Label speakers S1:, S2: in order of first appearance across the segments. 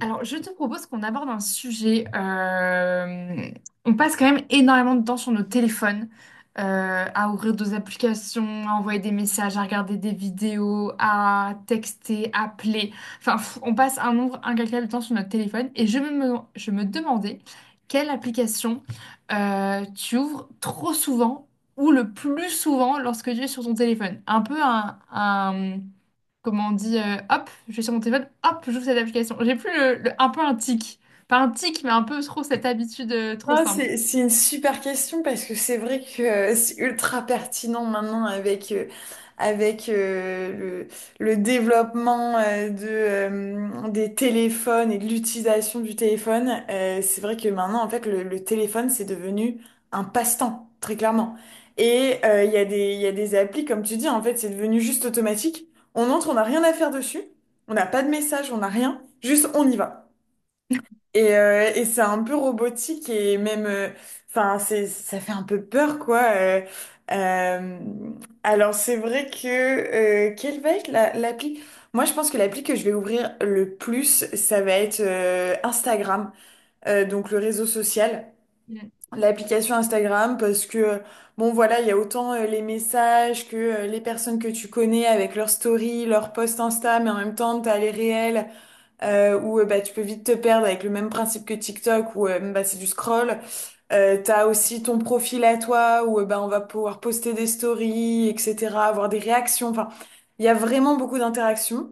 S1: Alors, je te propose qu'on aborde un sujet. On passe quand même énormément de temps sur nos téléphones, à ouvrir des applications, à envoyer des messages, à regarder des vidéos, à texter, appeler. Enfin, on passe un nombre incalculable de temps sur notre téléphone. Et je me demandais quelle application tu ouvres trop souvent ou le plus souvent lorsque tu es sur ton téléphone. Un peu un, comment on dit, hop, je suis sur mon téléphone, hop, j'ouvre cette application. J'ai plus un peu un tic. Pas un tic, mais un peu trop cette habitude, trop
S2: Non,
S1: simple.
S2: c'est une super question parce que c'est vrai que c'est ultra pertinent maintenant avec le développement des téléphones et de l'utilisation du téléphone. C'est vrai que maintenant, en fait, le téléphone, c'est devenu un passe-temps, très clairement. Et il y a des applis, comme tu dis, en fait, c'est devenu juste automatique. On entre, on n'a rien à faire dessus, on n'a pas de message, on n'a rien, juste on y va. Et c'est un peu robotique et même, enfin, ça fait un peu peur, quoi. Euh, alors, c'est vrai que quelle va être l'appli? Moi, je pense que l'appli que je vais ouvrir le plus, ça va être Instagram, donc le réseau social.
S1: Mm.
S2: L'application Instagram, parce que, bon, voilà, il y a autant les messages que les personnes que tu connais avec leurs stories, leurs posts Insta, mais en même temps, t'as les réels où bah, tu peux vite te perdre avec le même principe que TikTok où bah, c'est du scroll. T'as aussi ton profil à toi où bah, on va pouvoir poster des stories, etc., avoir des réactions. Enfin, il y a vraiment beaucoup d'interactions.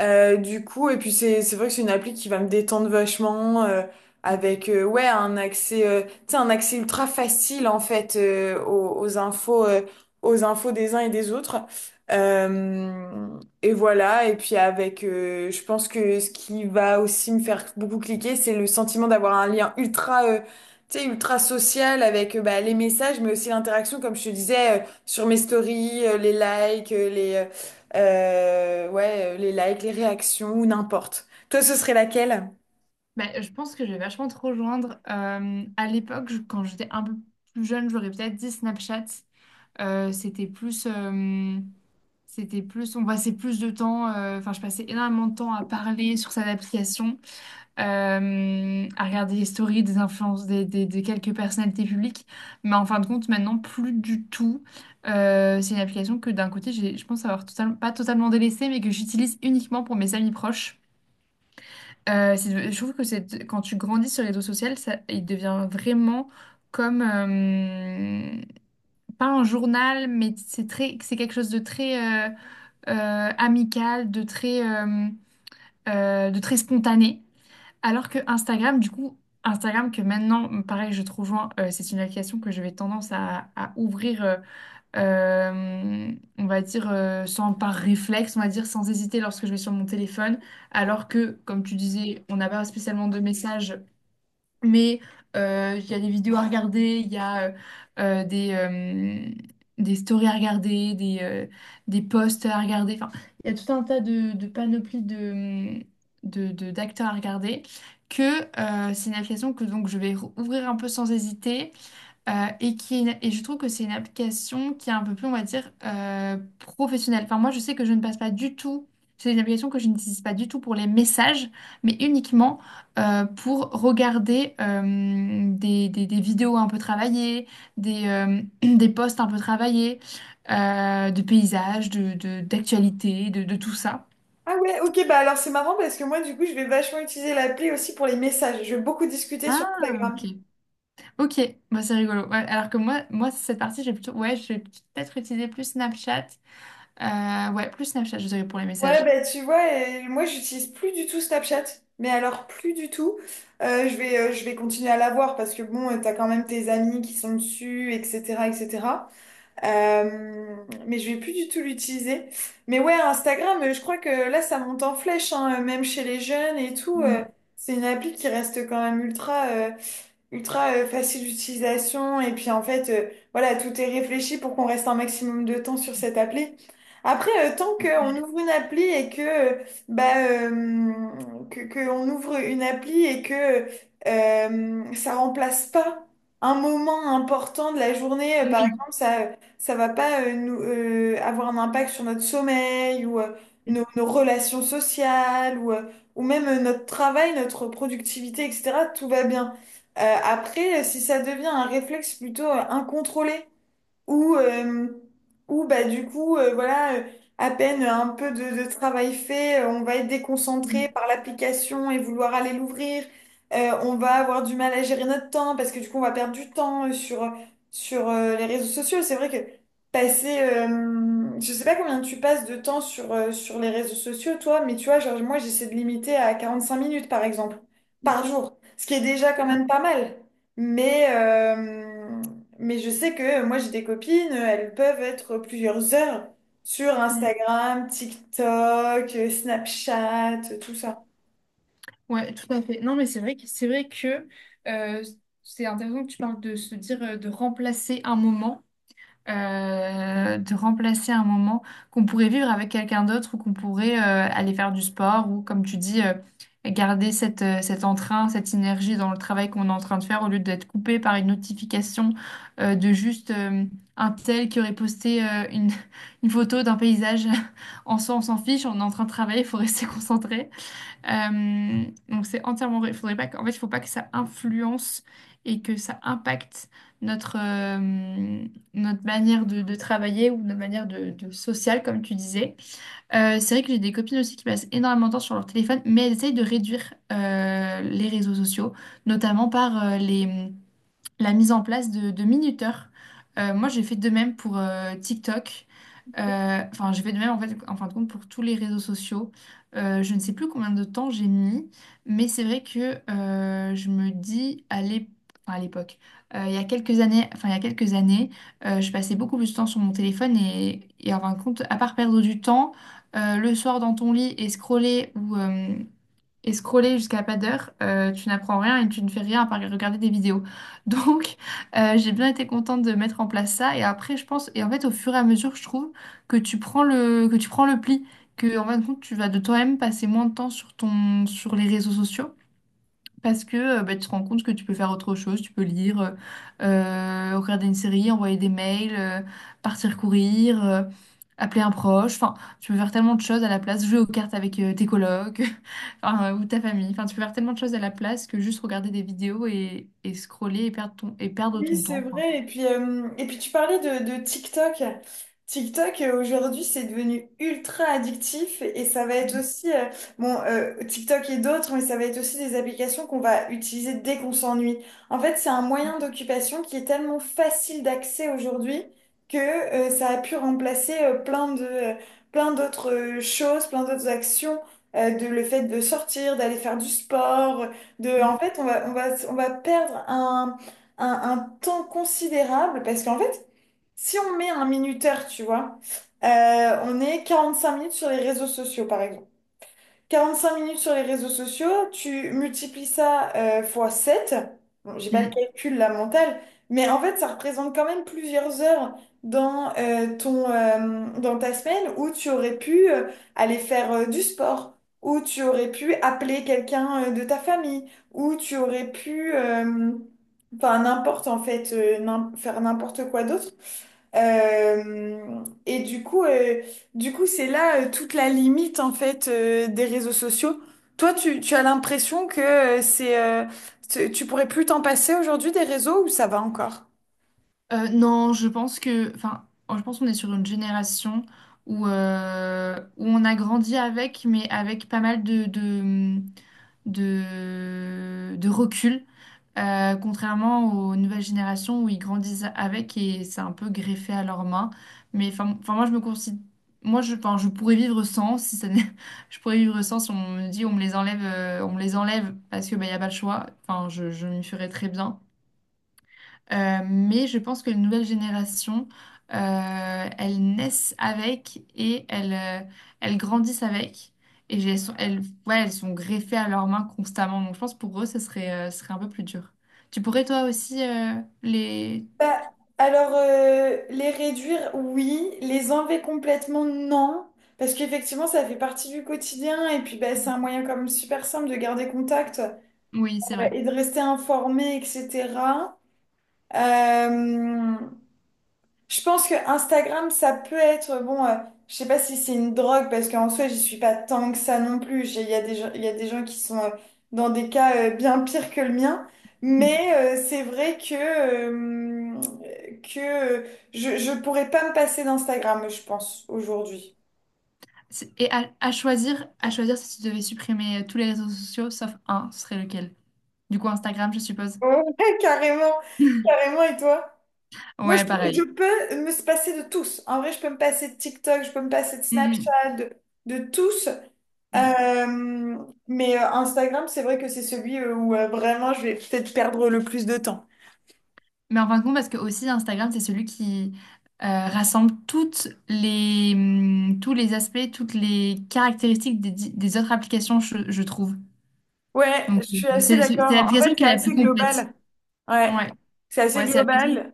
S2: Du coup, et puis c'est vrai que c'est une appli qui va me détendre vachement avec ouais un accès ultra facile en fait aux infos des uns et des autres. Euh, et voilà, et puis avec je pense que ce qui va aussi me faire beaucoup cliquer, c'est le sentiment d'avoir un lien ultra, tu sais, ultra social avec bah, les messages mais aussi l'interaction comme je te disais sur mes stories, les likes, les réactions, ou n'importe. Toi, ce serait laquelle?
S1: Ben, je pense que je vais vachement te rejoindre. À l'époque, quand j'étais un peu plus jeune, j'aurais peut-être dit Snapchat. Euh, c'était plus, euh, c'était plus, on passait plus de temps. Enfin, je passais énormément de temps à parler sur cette application. À regarder les stories des influences des quelques personnalités publiques. Mais en fin de compte, maintenant, plus du tout. C'est une application que d'un côté, je pense avoir totalement, pas totalement délaissée, mais que j'utilise uniquement pour mes amis proches. Je trouve que c'est, quand tu grandis sur les réseaux sociaux, ça, il devient vraiment comme, euh, pas un journal, mais c'est quelque chose de très amical, de très spontané. Alors que Instagram, du coup, Instagram que maintenant, pareil, je te rejoins, c'est une application que je vais tendance à ouvrir, euh, on va dire, sans par réflexe, on va dire, sans hésiter lorsque je vais sur mon téléphone. Alors que, comme tu disais, on n'a pas spécialement de messages, mais il y a des vidéos à regarder, il y a euh, des, euh, des stories à regarder, des posts à regarder. Enfin, il y a tout un tas de panoplies de, mm, de- d'acteurs à regarder. Que c'est une application que donc je vais ouvrir un peu sans hésiter, euh, et je trouve que c'est une application qui est un peu plus, on va dire, professionnelle. Enfin, moi, je sais que je ne passe pas du tout. C'est une application que je n'utilise pas du tout pour les messages, mais uniquement, pour regarder des vidéos un peu travaillées, des posts un peu travaillés, de paysages, d'actualités, de tout ça.
S2: Ah ouais, ok, bah alors c'est marrant parce que moi du coup je vais vachement utiliser l'appli aussi pour les messages. Je vais beaucoup discuter sur
S1: Ah,
S2: Instagram.
S1: ok. Ok, bah, c'est rigolo. Ouais, alors que moi, cette partie, j'ai plutôt. Ouais, je vais peut-être utiliser plus Snapchat. Ouais, plus Snapchat, je dirais pour les
S2: Ouais,
S1: messages.
S2: bah tu vois, moi j'utilise plus du tout Snapchat, mais alors plus du tout. Je vais continuer à l'avoir parce que bon, t'as quand même tes amis qui sont dessus, etc., etc. Euh, mais je vais plus du tout l'utiliser. Mais ouais, Instagram, je crois que là, ça monte en flèche, hein, même chez les jeunes et tout.
S1: Mm.
S2: C'est une appli qui reste quand même ultra, facile d'utilisation. Et puis en fait, voilà, tout est réfléchi pour qu'on reste un maximum de temps sur cette appli. Après, tant qu'on ouvre une appli et bah, euh, que on ouvre une appli et que ça remplace pas un moment important de la journée, par
S1: Oui.
S2: exemple, ça va pas nous, avoir un impact sur notre sommeil ou
S1: Mm,
S2: nos relations sociales ou même notre travail, notre productivité, etc. Tout va bien. Après, si ça devient un réflexe plutôt incontrôlé, où, euh, où bah, du coup, voilà, à peine un peu de travail fait, on va être déconcentré
S1: mm,
S2: par l'application et vouloir aller l'ouvrir. On va avoir du mal à gérer notre temps parce que du coup, on va perdre du temps sur les réseaux sociaux. C'est vrai que je sais pas combien tu passes de temps sur les réseaux sociaux, toi, mais tu vois, genre, moi, j'essaie de limiter à 45 minutes, par exemple,
S1: mm.
S2: par jour, ce qui est déjà quand
S1: Ouais,
S2: même pas mal. Mais, euh, mais je sais que moi, j'ai des copines, elles peuvent être plusieurs heures sur
S1: mm.
S2: Instagram, TikTok, Snapchat, tout ça.
S1: Ouais, tout à fait. Non, mais c'est vrai que euh, c'est intéressant que tu parles de se dire, de remplacer un moment qu'on pourrait vivre avec quelqu'un d'autre ou qu'on pourrait aller faire du sport ou, comme tu dis, garder cet entrain, cette énergie dans le travail qu'on est en train de faire au lieu d'être coupé par une notification, de juste, un tel qui aurait posté une photo d'un paysage. En soi, on s'en fiche, on est en train de travailler, il faut rester concentré. Donc c'est entièrement vrai. Il faudrait pas que- en fait, il faut pas que ça influence et que ça impacte notre, notre manière de travailler ou notre manière de sociale, comme tu disais. C'est vrai que j'ai des copines aussi qui passent énormément de temps sur leur téléphone, mais elles essayent de réduire, les réseaux sociaux, notamment par la mise en place de minuteurs. Moi, j'ai fait de même pour TikTok. Enfin, j'ai fait de même en fait, en fin de compte, pour tous les réseaux sociaux. Je ne sais plus combien de temps j'ai mis, mais c'est vrai que je me dis enfin, à l'époque, il y a quelques années, je passais beaucoup plus de temps sur mon téléphone et en fin de compte, à part perdre du temps, le soir dans ton lit et scroller ou scroller jusqu'à pas d'heure, tu n'apprends rien et tu ne fais rien à part regarder des vidéos. Donc, j'ai bien été contente de mettre en place ça. Et après, je pense, et en fait, au fur et à mesure, je trouve que tu prends le pli, que en fin de compte, tu vas de toi-même passer moins de temps sur les réseaux sociaux. Parce que, bah, tu te rends compte que tu peux faire autre chose, tu peux lire, regarder une série, envoyer des mails, partir courir, appeler un proche. Enfin, tu peux faire tellement de choses à la place, jouer aux cartes avec, tes colocs, enfin, ou ta famille. Enfin, tu peux faire tellement de choses à la place que juste regarder des vidéos et scroller et perdre
S2: Oui,
S1: ton
S2: c'est
S1: temps, quoi.
S2: vrai. Et puis tu parlais de TikTok. TikTok, aujourd'hui, c'est devenu ultra addictif et ça va être
S1: Mm.
S2: aussi, bon, TikTok et d'autres, mais ça va être aussi des applications qu'on va utiliser dès qu'on s'ennuie. En fait, c'est un moyen d'occupation qui est tellement facile d'accès aujourd'hui que ça a pu remplacer, plein d'autres choses, plein d'autres actions, de le fait de sortir, d'aller faire du sport, en fait, on va perdre un temps considérable parce qu'en fait, si on met un minuteur, tu vois, on est 45 minutes sur les réseaux sociaux, par exemple 45 minutes sur les réseaux sociaux, tu multiplies ça fois 7. Bon, j'ai pas le
S1: Mm.
S2: calcul, la mentale, mais en fait, ça représente quand même plusieurs heures dans ta semaine où tu aurais pu aller faire du sport, où tu aurais pu appeler quelqu'un de ta famille, où tu aurais pu, enfin, n'importe en fait, faire n'importe quoi d'autre. Euh, et du coup, euh, du coup, c'est là toute la limite en fait des réseaux sociaux. Toi, tu as l'impression que tu pourrais plus t'en passer aujourd'hui des réseaux ou ça va encore?
S1: Non, je pense que, enfin, je pense qu'on est sur une génération où on a grandi avec, mais avec pas mal de recul. Contrairement aux nouvelles générations où ils grandissent avec et c'est un peu greffé à leurs mains. Mais enfin, moi, je me considère, moi, je pourrais vivre sans, si ça n'est- je pourrais vivre sans si on me dit on me les enlève, parce que bah, y a pas le choix. Enfin, je m'y ferais très bien. Mais je pense que les nouvelles générations, elles naissent avec et elles grandissent avec. Et j'ai- elles sont, elles, ouais, elles sont greffées à leurs mains constamment. Donc je pense pour eux, ce serait un peu plus dur. Tu pourrais toi aussi les?
S2: Bah, alors, les réduire, oui. Les enlever complètement, non. Parce qu'effectivement, ça fait partie du quotidien. Et puis, bah, c'est un moyen comme super simple de garder contact
S1: Oui, c'est vrai.
S2: et de rester informé, etc. Euh, Je pense que Instagram, ça peut être, bon, je sais pas si c'est une drogue, parce qu'en soi, j'y suis pas tant que ça non plus. Il y a des gens qui sont dans des cas bien pires que le mien. Mais
S1: Mm.
S2: euh, c'est vrai que euh, je pourrais pas me passer d'Instagram, je pense, aujourd'hui.
S1: Et, à choisir si tu devais supprimer tous les réseaux sociaux sauf un, ce serait lequel? Du coup, Instagram, je suppose.
S2: Ouais, carrément, carrément, et toi? Moi,
S1: Ouais,
S2: je
S1: pareil.
S2: peux me se passer de tous. En vrai, je peux me passer de TikTok, je peux me passer de Snapchat, de tous.
S1: Mhm.
S2: Euh, mais Instagram, c'est vrai que c'est celui où vraiment je vais peut-être perdre le plus de temps.
S1: Mais en fin de compte, parce que aussi Instagram, c'est celui qui rassemble tous les aspects, toutes les caractéristiques des autres applications, je trouve.
S2: Ouais, je
S1: Donc,
S2: suis assez
S1: c'est
S2: d'accord. En fait,
S1: l'application
S2: c'est
S1: qui est la plus
S2: assez
S1: complète.
S2: global. Ouais,
S1: Ouais,
S2: c'est assez
S1: ouais, c'est l'application.
S2: global.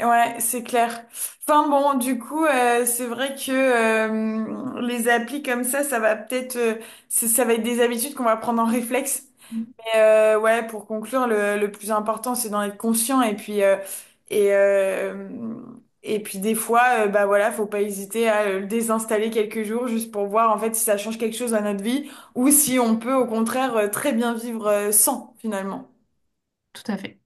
S2: Ouais, c'est clair. Enfin bon, du coup, c'est vrai que les applis comme ça va peut-être, ça va être des habitudes qu'on va prendre en réflexe. Ouais, pour conclure, le plus important, c'est d'en être conscient et euh, et puis des fois, bah voilà, faut pas hésiter à le désinstaller quelques jours juste pour voir en fait si ça change quelque chose à notre vie ou si on peut au contraire très bien vivre sans finalement.
S1: Tout à fait.